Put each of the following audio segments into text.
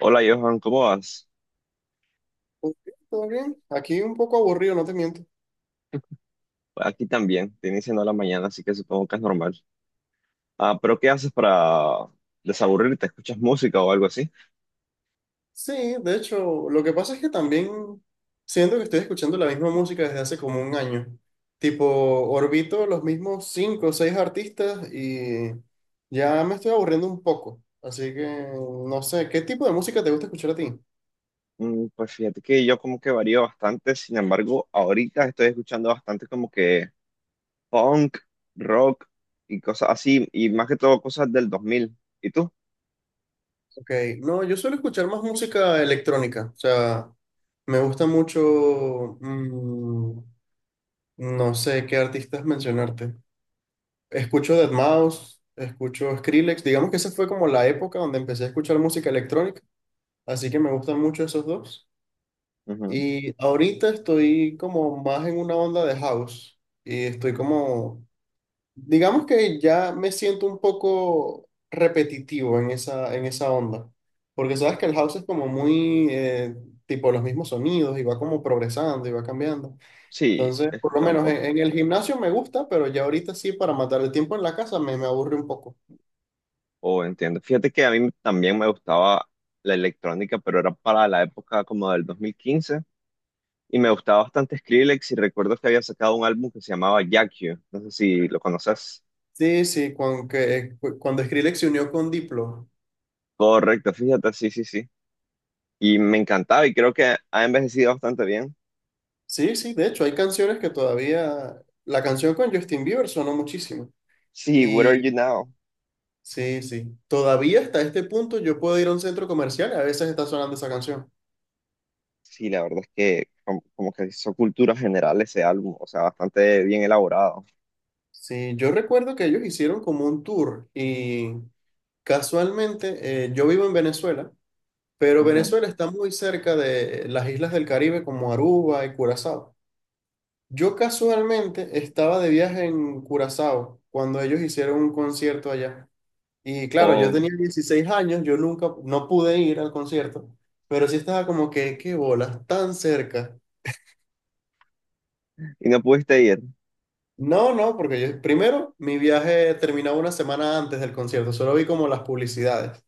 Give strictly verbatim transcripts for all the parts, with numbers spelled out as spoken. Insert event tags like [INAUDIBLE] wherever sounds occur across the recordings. Hola Johan, ¿cómo vas? Ok, ¿todo bien? Aquí un poco aburrido, no te miento. Aquí también, te iniciando la mañana, así que supongo que es normal. Ah, pero ¿qué haces para desaburrirte? ¿Escuchas música o algo así? Sí, de hecho, lo que pasa es que también siento que estoy escuchando la misma música desde hace como un año. Tipo, orbito los mismos cinco o seis artistas y ya me estoy aburriendo un poco. Así que, no sé, ¿qué tipo de música te gusta escuchar a ti? Mm, pues fíjate que yo como que varío bastante, sin embargo, ahorita estoy escuchando bastante como que punk, rock y cosas así, y más que todo cosas del dos mil. ¿Y tú? Ok, no, yo suelo escuchar más música electrónica. O sea, me gusta mucho, mm, no sé qué artistas mencionarte. Escucho deadmouse, escucho Skrillex. Digamos que esa fue como la época donde empecé a escuchar música electrónica, así que me gustan mucho esos dos. Ujú. Y ahorita estoy como más en una onda de house y estoy como, digamos que ya me siento un poco repetitivo en esa, en esa onda, porque sabes que el house es como muy eh, tipo los mismos sonidos y va como progresando y va cambiando. Sí, Entonces, he por lo escuchado un menos en, poco. en el gimnasio me gusta, pero ya ahorita sí, para matar el tiempo en la casa me, me aburre un poco. Oh, entiendo. Fíjate que a mí también me gustaba la electrónica, pero era para la época como del dos mil quince. Y me gustaba bastante Skrillex y recuerdo que había sacado un álbum que se llamaba Jack You. No sé si lo conoces. Sí, sí, cuando, que, cuando Skrillex se unió con Diplo. Correcto, fíjate, sí, sí, sí. Y me encantaba y creo que ha envejecido bastante bien. Sí, sí, de hecho, hay canciones que todavía. La canción con Justin Bieber sonó muchísimo. Sí, Where Are Y You Now? sí, sí, todavía hasta este punto yo puedo ir a un centro comercial y a veces está sonando esa canción. Sí, la verdad es que como, como que hizo cultura general ese álbum, o sea, bastante bien elaborado. Sí, yo recuerdo que ellos hicieron como un tour y casualmente eh, yo vivo en Venezuela, pero Ujú. Venezuela está muy cerca de las islas del Caribe como Aruba y Curazao. Yo casualmente estaba de viaje en Curazao cuando ellos hicieron un concierto allá. Y claro, yo O, tenía dieciséis años, yo nunca, no pude ir al concierto, pero sí estaba como que, qué bolas, tan cerca. y no pudiste ir, No, no, porque yo, primero, mi viaje terminaba una semana antes del concierto, solo vi como las publicidades.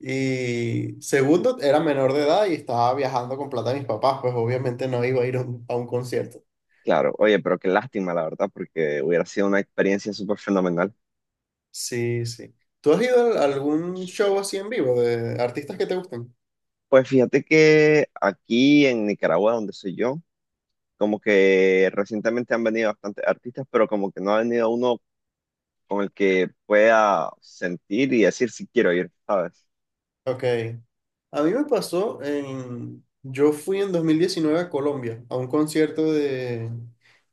Y segundo, era menor de edad y estaba viajando con plata de mis papás, pues obviamente no iba a ir a un a un concierto. claro. Oye, pero qué lástima, la verdad, porque hubiera sido una experiencia súper fenomenal. Sí, sí. ¿Tú has ido a algún show así en vivo de artistas que te gustan? Pues fíjate que aquí en Nicaragua, donde soy yo, como que recientemente han venido bastantes artistas, pero como que no ha venido uno con el que pueda sentir y decir si quiero ir, ¿sabes? Ok. A mí me pasó en. Yo fui en dos mil diecinueve a Colombia a un concierto de.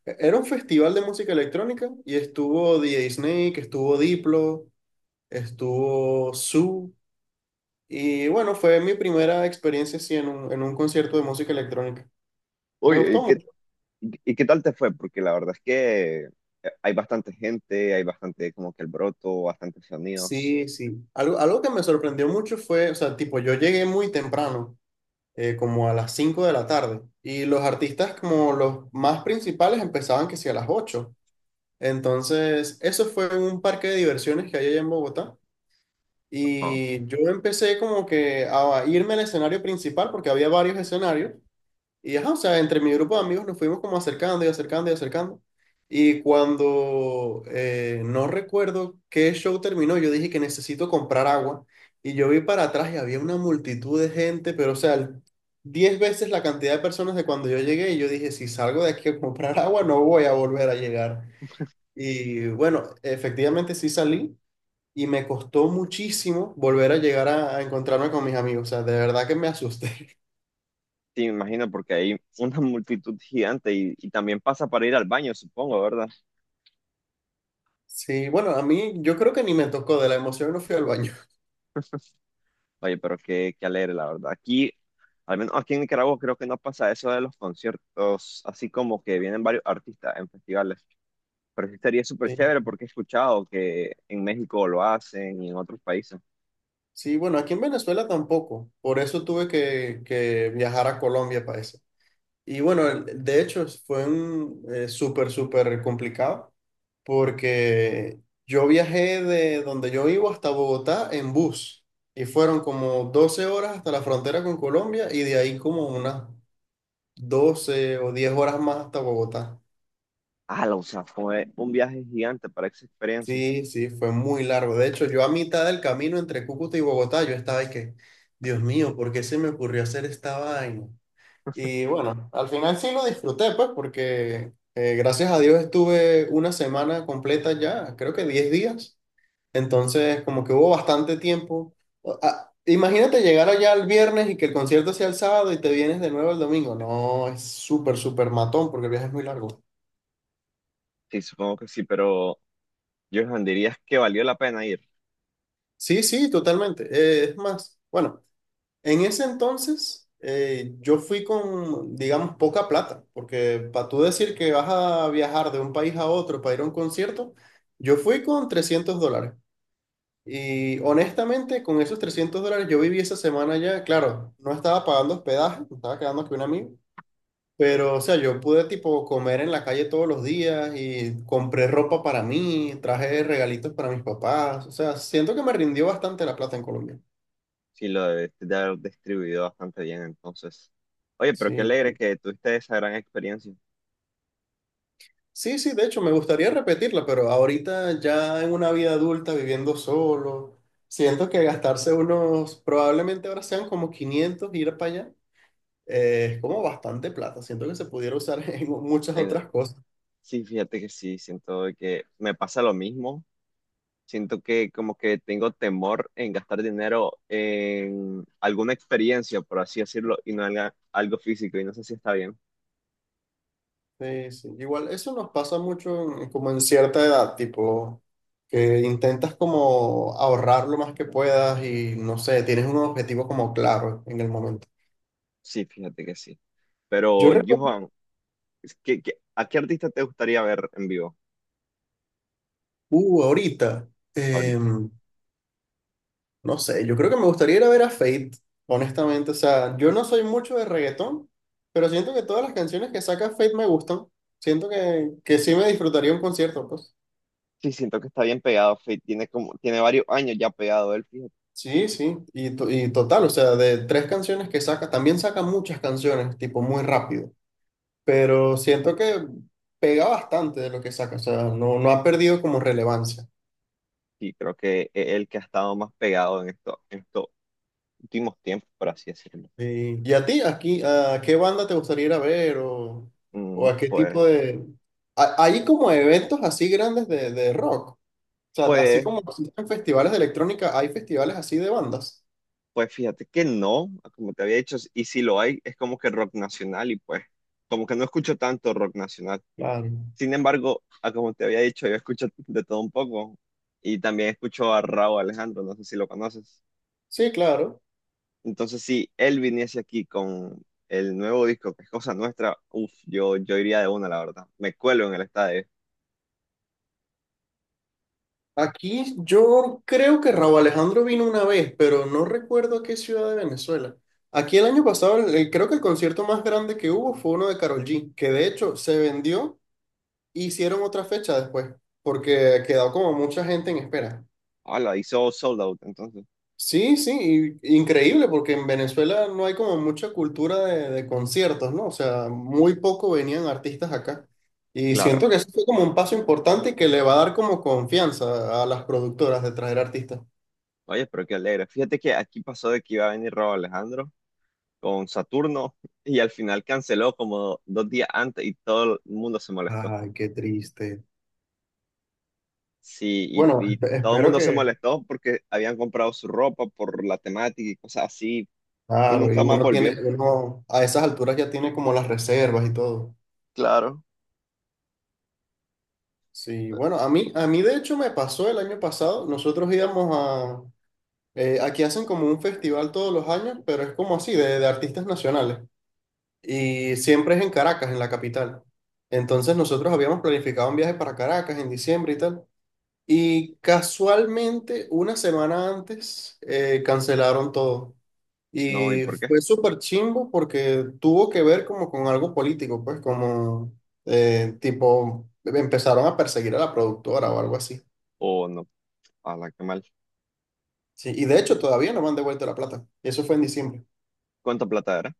Era un festival de música electrónica y estuvo D J Snake, estuvo Diplo, estuvo Su. Y bueno, fue mi primera experiencia así en un, en un concierto de música electrónica. Me Uy, gustó ¿y qué, mucho. y qué tal te fue? Porque la verdad es que hay bastante gente, hay bastante como que el broto, bastantes sonidos. Sí, sí. Algo, algo que me sorprendió mucho fue, o sea, tipo, yo llegué muy temprano. eh, como a las cinco de la tarde. Y los artistas como los más principales empezaban que sí a las ocho. Entonces, eso fue en un parque de diversiones que hay allá en Bogotá. Ajá. Y yo empecé como que a irme al escenario principal porque había varios escenarios. Y ajá, o sea, entre mi grupo de amigos nos fuimos como acercando y acercando y acercando. Y cuando eh, no recuerdo qué show terminó, yo dije que necesito comprar agua. Y yo vi para atrás y había una multitud de gente, pero o sea, diez veces la cantidad de personas de cuando yo llegué. Y yo dije, si salgo de aquí a comprar [LAUGHS] agua, no voy a volver a llegar. Y bueno, efectivamente sí salí y me costó muchísimo volver a llegar a, a encontrarme con mis amigos. O sea, de verdad que me asusté. [LAUGHS] Sí, me imagino porque hay una multitud gigante y, y también pasa para ir al baño, supongo, ¿verdad? Sí, bueno, a mí yo creo que ni me tocó, de la emoción no fui al baño. [LAUGHS] Oye, pero qué, qué alegre, la verdad. Aquí, al menos aquí en Nicaragua, creo que no pasa eso de los conciertos, así como que vienen varios artistas en festivales. Pero sí estaría súper Sí, chévere porque he escuchado que en México lo hacen y en otros países. sí, bueno, aquí en Venezuela tampoco, por eso tuve que, que viajar a Colombia para eso. Y bueno, el- de hecho fue un eh, súper, súper complicado porque yo viajé de donde yo vivo hasta Bogotá en bus y fueron como doce horas hasta la frontera con Colombia y de ahí como unas doce o diez horas más hasta Bogotá. Ah, o sea, fue un viaje gigante para esa experiencia. Sí, sí, fue muy largo. De hecho, yo a mitad del camino entre Cúcuta y Bogotá, yo estaba y que, Dios mío, ¿por qué se me ocurrió hacer esta vaina? Y bueno, al final sí lo disfruté, pues, porque eh, gracias a Dios estuve una semana completa ya, creo que diez días. Entonces, como que hubo bastante tiempo. O- ah, imagínate llegar allá el viernes y que el concierto sea el sábado y te vienes de nuevo el domingo. No, es súper, súper matón porque el viaje es muy largo. Sí, supongo que sí, pero Johan, dirías que valió la pena ir. Sí, sí, totalmente. Eh, es más, bueno. En ese entonces, eh, yo fui con, digamos, poca plata, porque para tú decir que vas a viajar de un país a otro para ir a un concierto, yo fui con trescientos dólares. Y honestamente, con esos trescientos dólares yo viví esa semana ya, claro, no estaba pagando hospedaje, me estaba quedando con un amigo, pero o sea, yo pude tipo comer en la calle todos los días y compré ropa para mí, traje regalitos para mis papás, o sea, siento que me rindió bastante la plata en Colombia. Sí, lo debiste de haber distribuido bastante bien, entonces. Oye, pero qué Sí. alegre que tuviste esa gran experiencia. Sí, sí, de hecho me gustaría repetirla, pero ahorita ya en una vida adulta viviendo solo, siento que gastarse unos, probablemente ahora sean como quinientos ir para allá, eh, es como bastante plata, siento que se pudiera usar [LAUGHS] en muchas En- otras cosas. sí, fíjate que sí, siento de que me pasa lo mismo. Siento que como que tengo temor en gastar dinero en alguna experiencia, por así decirlo, y no en algo físico, y no sé si está bien. Sí, sí. Igual eso nos pasa mucho en- como en cierta edad, tipo que intentas como ahorrar lo más que puedas y no sé, tienes un objetivo como claro en el momento. Sí, fíjate que sí. Yo Pero, recuerdo, Johan, es que- que- ¿a qué artista te gustaría ver en vivo uh, ahorita. ahorita? em, No sé, yo creo que me gustaría ir a ver a Fate, honestamente. O sea, yo no soy mucho de reggaetón, pero siento que todas las canciones que saca Fate me gustan. Siento que, que sí me disfrutaría un concierto, pues. Sí, siento que está bien pegado, Fate. Tiene como, tiene varios años ya pegado él, fíjate. Sí, sí. Y, to- y total, o sea, de tres canciones que saca, también saca muchas canciones, tipo muy rápido. Pero siento que pega bastante de lo que saca, o sea, no, no ha perdido como relevancia. Sí, creo que es el que ha estado más pegado en esto, en estos últimos tiempos, por así decirlo. Sí. ¿Y a ti, aquí, a qué banda te gustaría ir a ver o, Mm, o a qué tipo pues, de. a- Hay como eventos así grandes de, de rock. O sea, así pues, como existen festivales de electrónica, hay festivales así de bandas. pues fíjate que no, como te había dicho, y si lo hay, es como que rock nacional, y pues, como que no escucho tanto rock nacional. Claro. Sin embargo, a como te había dicho, yo escucho de todo un poco y también escucho a Raúl Alejandro, no sé si lo conoces. Sí, claro. Entonces, si él viniese aquí con el nuevo disco, que es Cosa Nuestra, uff, yo, yo iría de una, la verdad. Me cuelo en el estadio. Aquí yo creo que Raúl Alejandro vino una vez, pero no recuerdo a qué ciudad de Venezuela. Aquí el año pasado, el- el- creo que el concierto más grande que hubo fue uno de Karol G, que de hecho se vendió e hicieron otra fecha después, porque quedó como mucha gente en espera. Hola, hizo sold out, entonces, Sí, sí, y- increíble porque en Venezuela no hay como mucha cultura de, de conciertos, ¿no? O sea, muy poco venían artistas acá. Y claro. siento que eso fue como un paso importante y que le va a dar como confianza a las productoras de traer artistas. Oye, pero qué alegre. Fíjate que aquí pasó de que iba a venir Raúl Alejandro con Saturno y al final canceló como dos días antes y todo el mundo se molestó. Ay, qué triste. Sí, Bueno, y, y espe- todo el espero mundo se que, molestó porque habían comprado su ropa por la temática y cosas así, y claro, nunca y más uno tiene, volvió. uno a esas alturas ya tiene como las reservas y todo. Claro. Sí, bueno, a mí, a mí de hecho me pasó el año pasado, nosotros íbamos. Eh, aquí hacen como un festival todos los años, pero es como así, de, de artistas nacionales. Y siempre es en Caracas, en la capital. Entonces nosotros habíamos planificado un viaje para Caracas en diciembre y tal. Y casualmente, una semana antes, eh, cancelaron todo. No, ¿y Y por qué? fue súper chimbo porque tuvo que ver como con algo político, pues como eh, tipo, empezaron a perseguir a la productora o algo así. O no, a la que mal. Sí, y de hecho todavía no me han devuelto la plata. Eso fue en diciembre. ¿Cuánta plata era?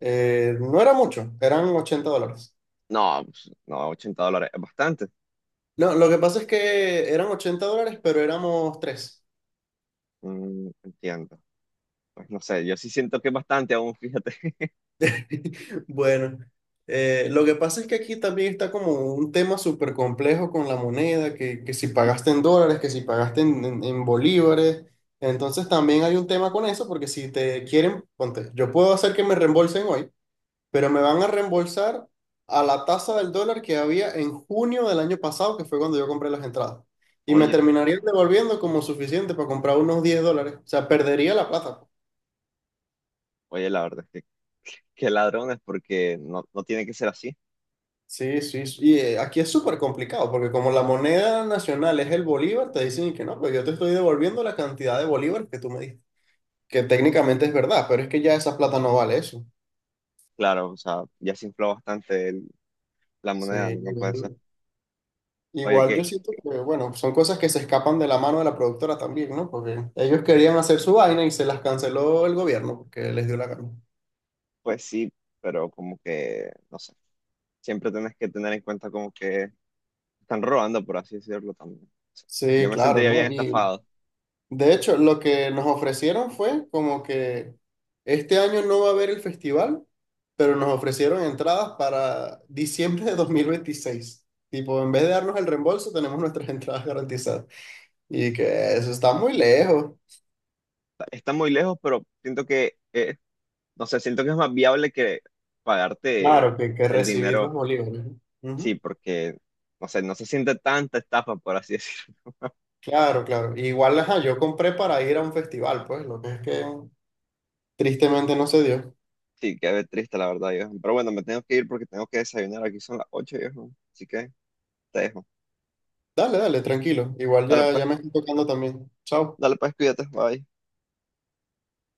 Eh, no era mucho, eran ochenta dólares. No, pues, no, ochenta dólares, es bastante. No, lo que pasa es que eran ochenta dólares, pero éramos tres. Mm, entiendo. Pues no sé, yo sí siento que es bastante aún, fíjate. [LAUGHS] [LAUGHS] Bueno, eh, lo que pasa es que aquí también está como un tema súper complejo con la moneda, que, que si pagaste en dólares, que si pagaste en, en- en bolívares. Entonces también hay un tema con eso, porque si te quieren, ponte, yo puedo hacer que me reembolsen hoy, pero me van a reembolsar a la tasa del dólar que había en junio del año pasado, que fue cuando yo compré las entradas. Y me Oye, terminarían devolviendo como suficiente para comprar unos diez dólares. O sea, perdería la plata. oye, la verdad es que qué ladrones, porque no, no tiene que ser así. Sí, sí, sí. y eh, aquí es súper complicado porque como la moneda nacional es el bolívar, te dicen que no, pero yo te estoy devolviendo la cantidad de bolívar que tú me diste, que técnicamente es verdad, pero es que ya esa plata no vale eso. Claro, o sea, ya se infló bastante el- la Sí, moneda, no puede ser. Oye, igual qué, yo siento que, bueno, son cosas que se escapan de la mano de la productora también, ¿no? Porque ellos querían hacer su vaina y se las canceló el gobierno porque les dio la gana. pues sí, pero como que, no sé, siempre tenés que tener en cuenta como que están robando, por así decirlo también. O sea, yo Sí, me claro, sentiría bien ¿no? Y estafado. de hecho, lo que nos ofrecieron fue como que este año no va a haber el festival, pero nos ofrecieron entradas para diciembre de dos mil veintiséis. Tipo, en vez de darnos el reembolso, tenemos nuestras [LAUGHS] entradas garantizadas. Y que eso está muy lejos. Está muy lejos, pero siento que, eh, no sé, siento que es más viable que pagarte Claro, que, que el recibir los dinero, bolívares. ¿No? sí, Ujú. porque, no sé, no se siente tanta estafa, por así decirlo. [LAUGHS] Claro, claro. Igual, ajá, yo compré para ir a un festival, pues, lo que es que tristemente no se dio. Sí, qué triste, la verdad, viejo. Pero bueno, me tengo que ir porque tengo que desayunar. Aquí son las ocho, viejo. Así que te dejo. Dale, dale, tranquilo. Igual Dale ya, ya pues, me estoy tocando también. Chao. dale pues, cuídate, bye.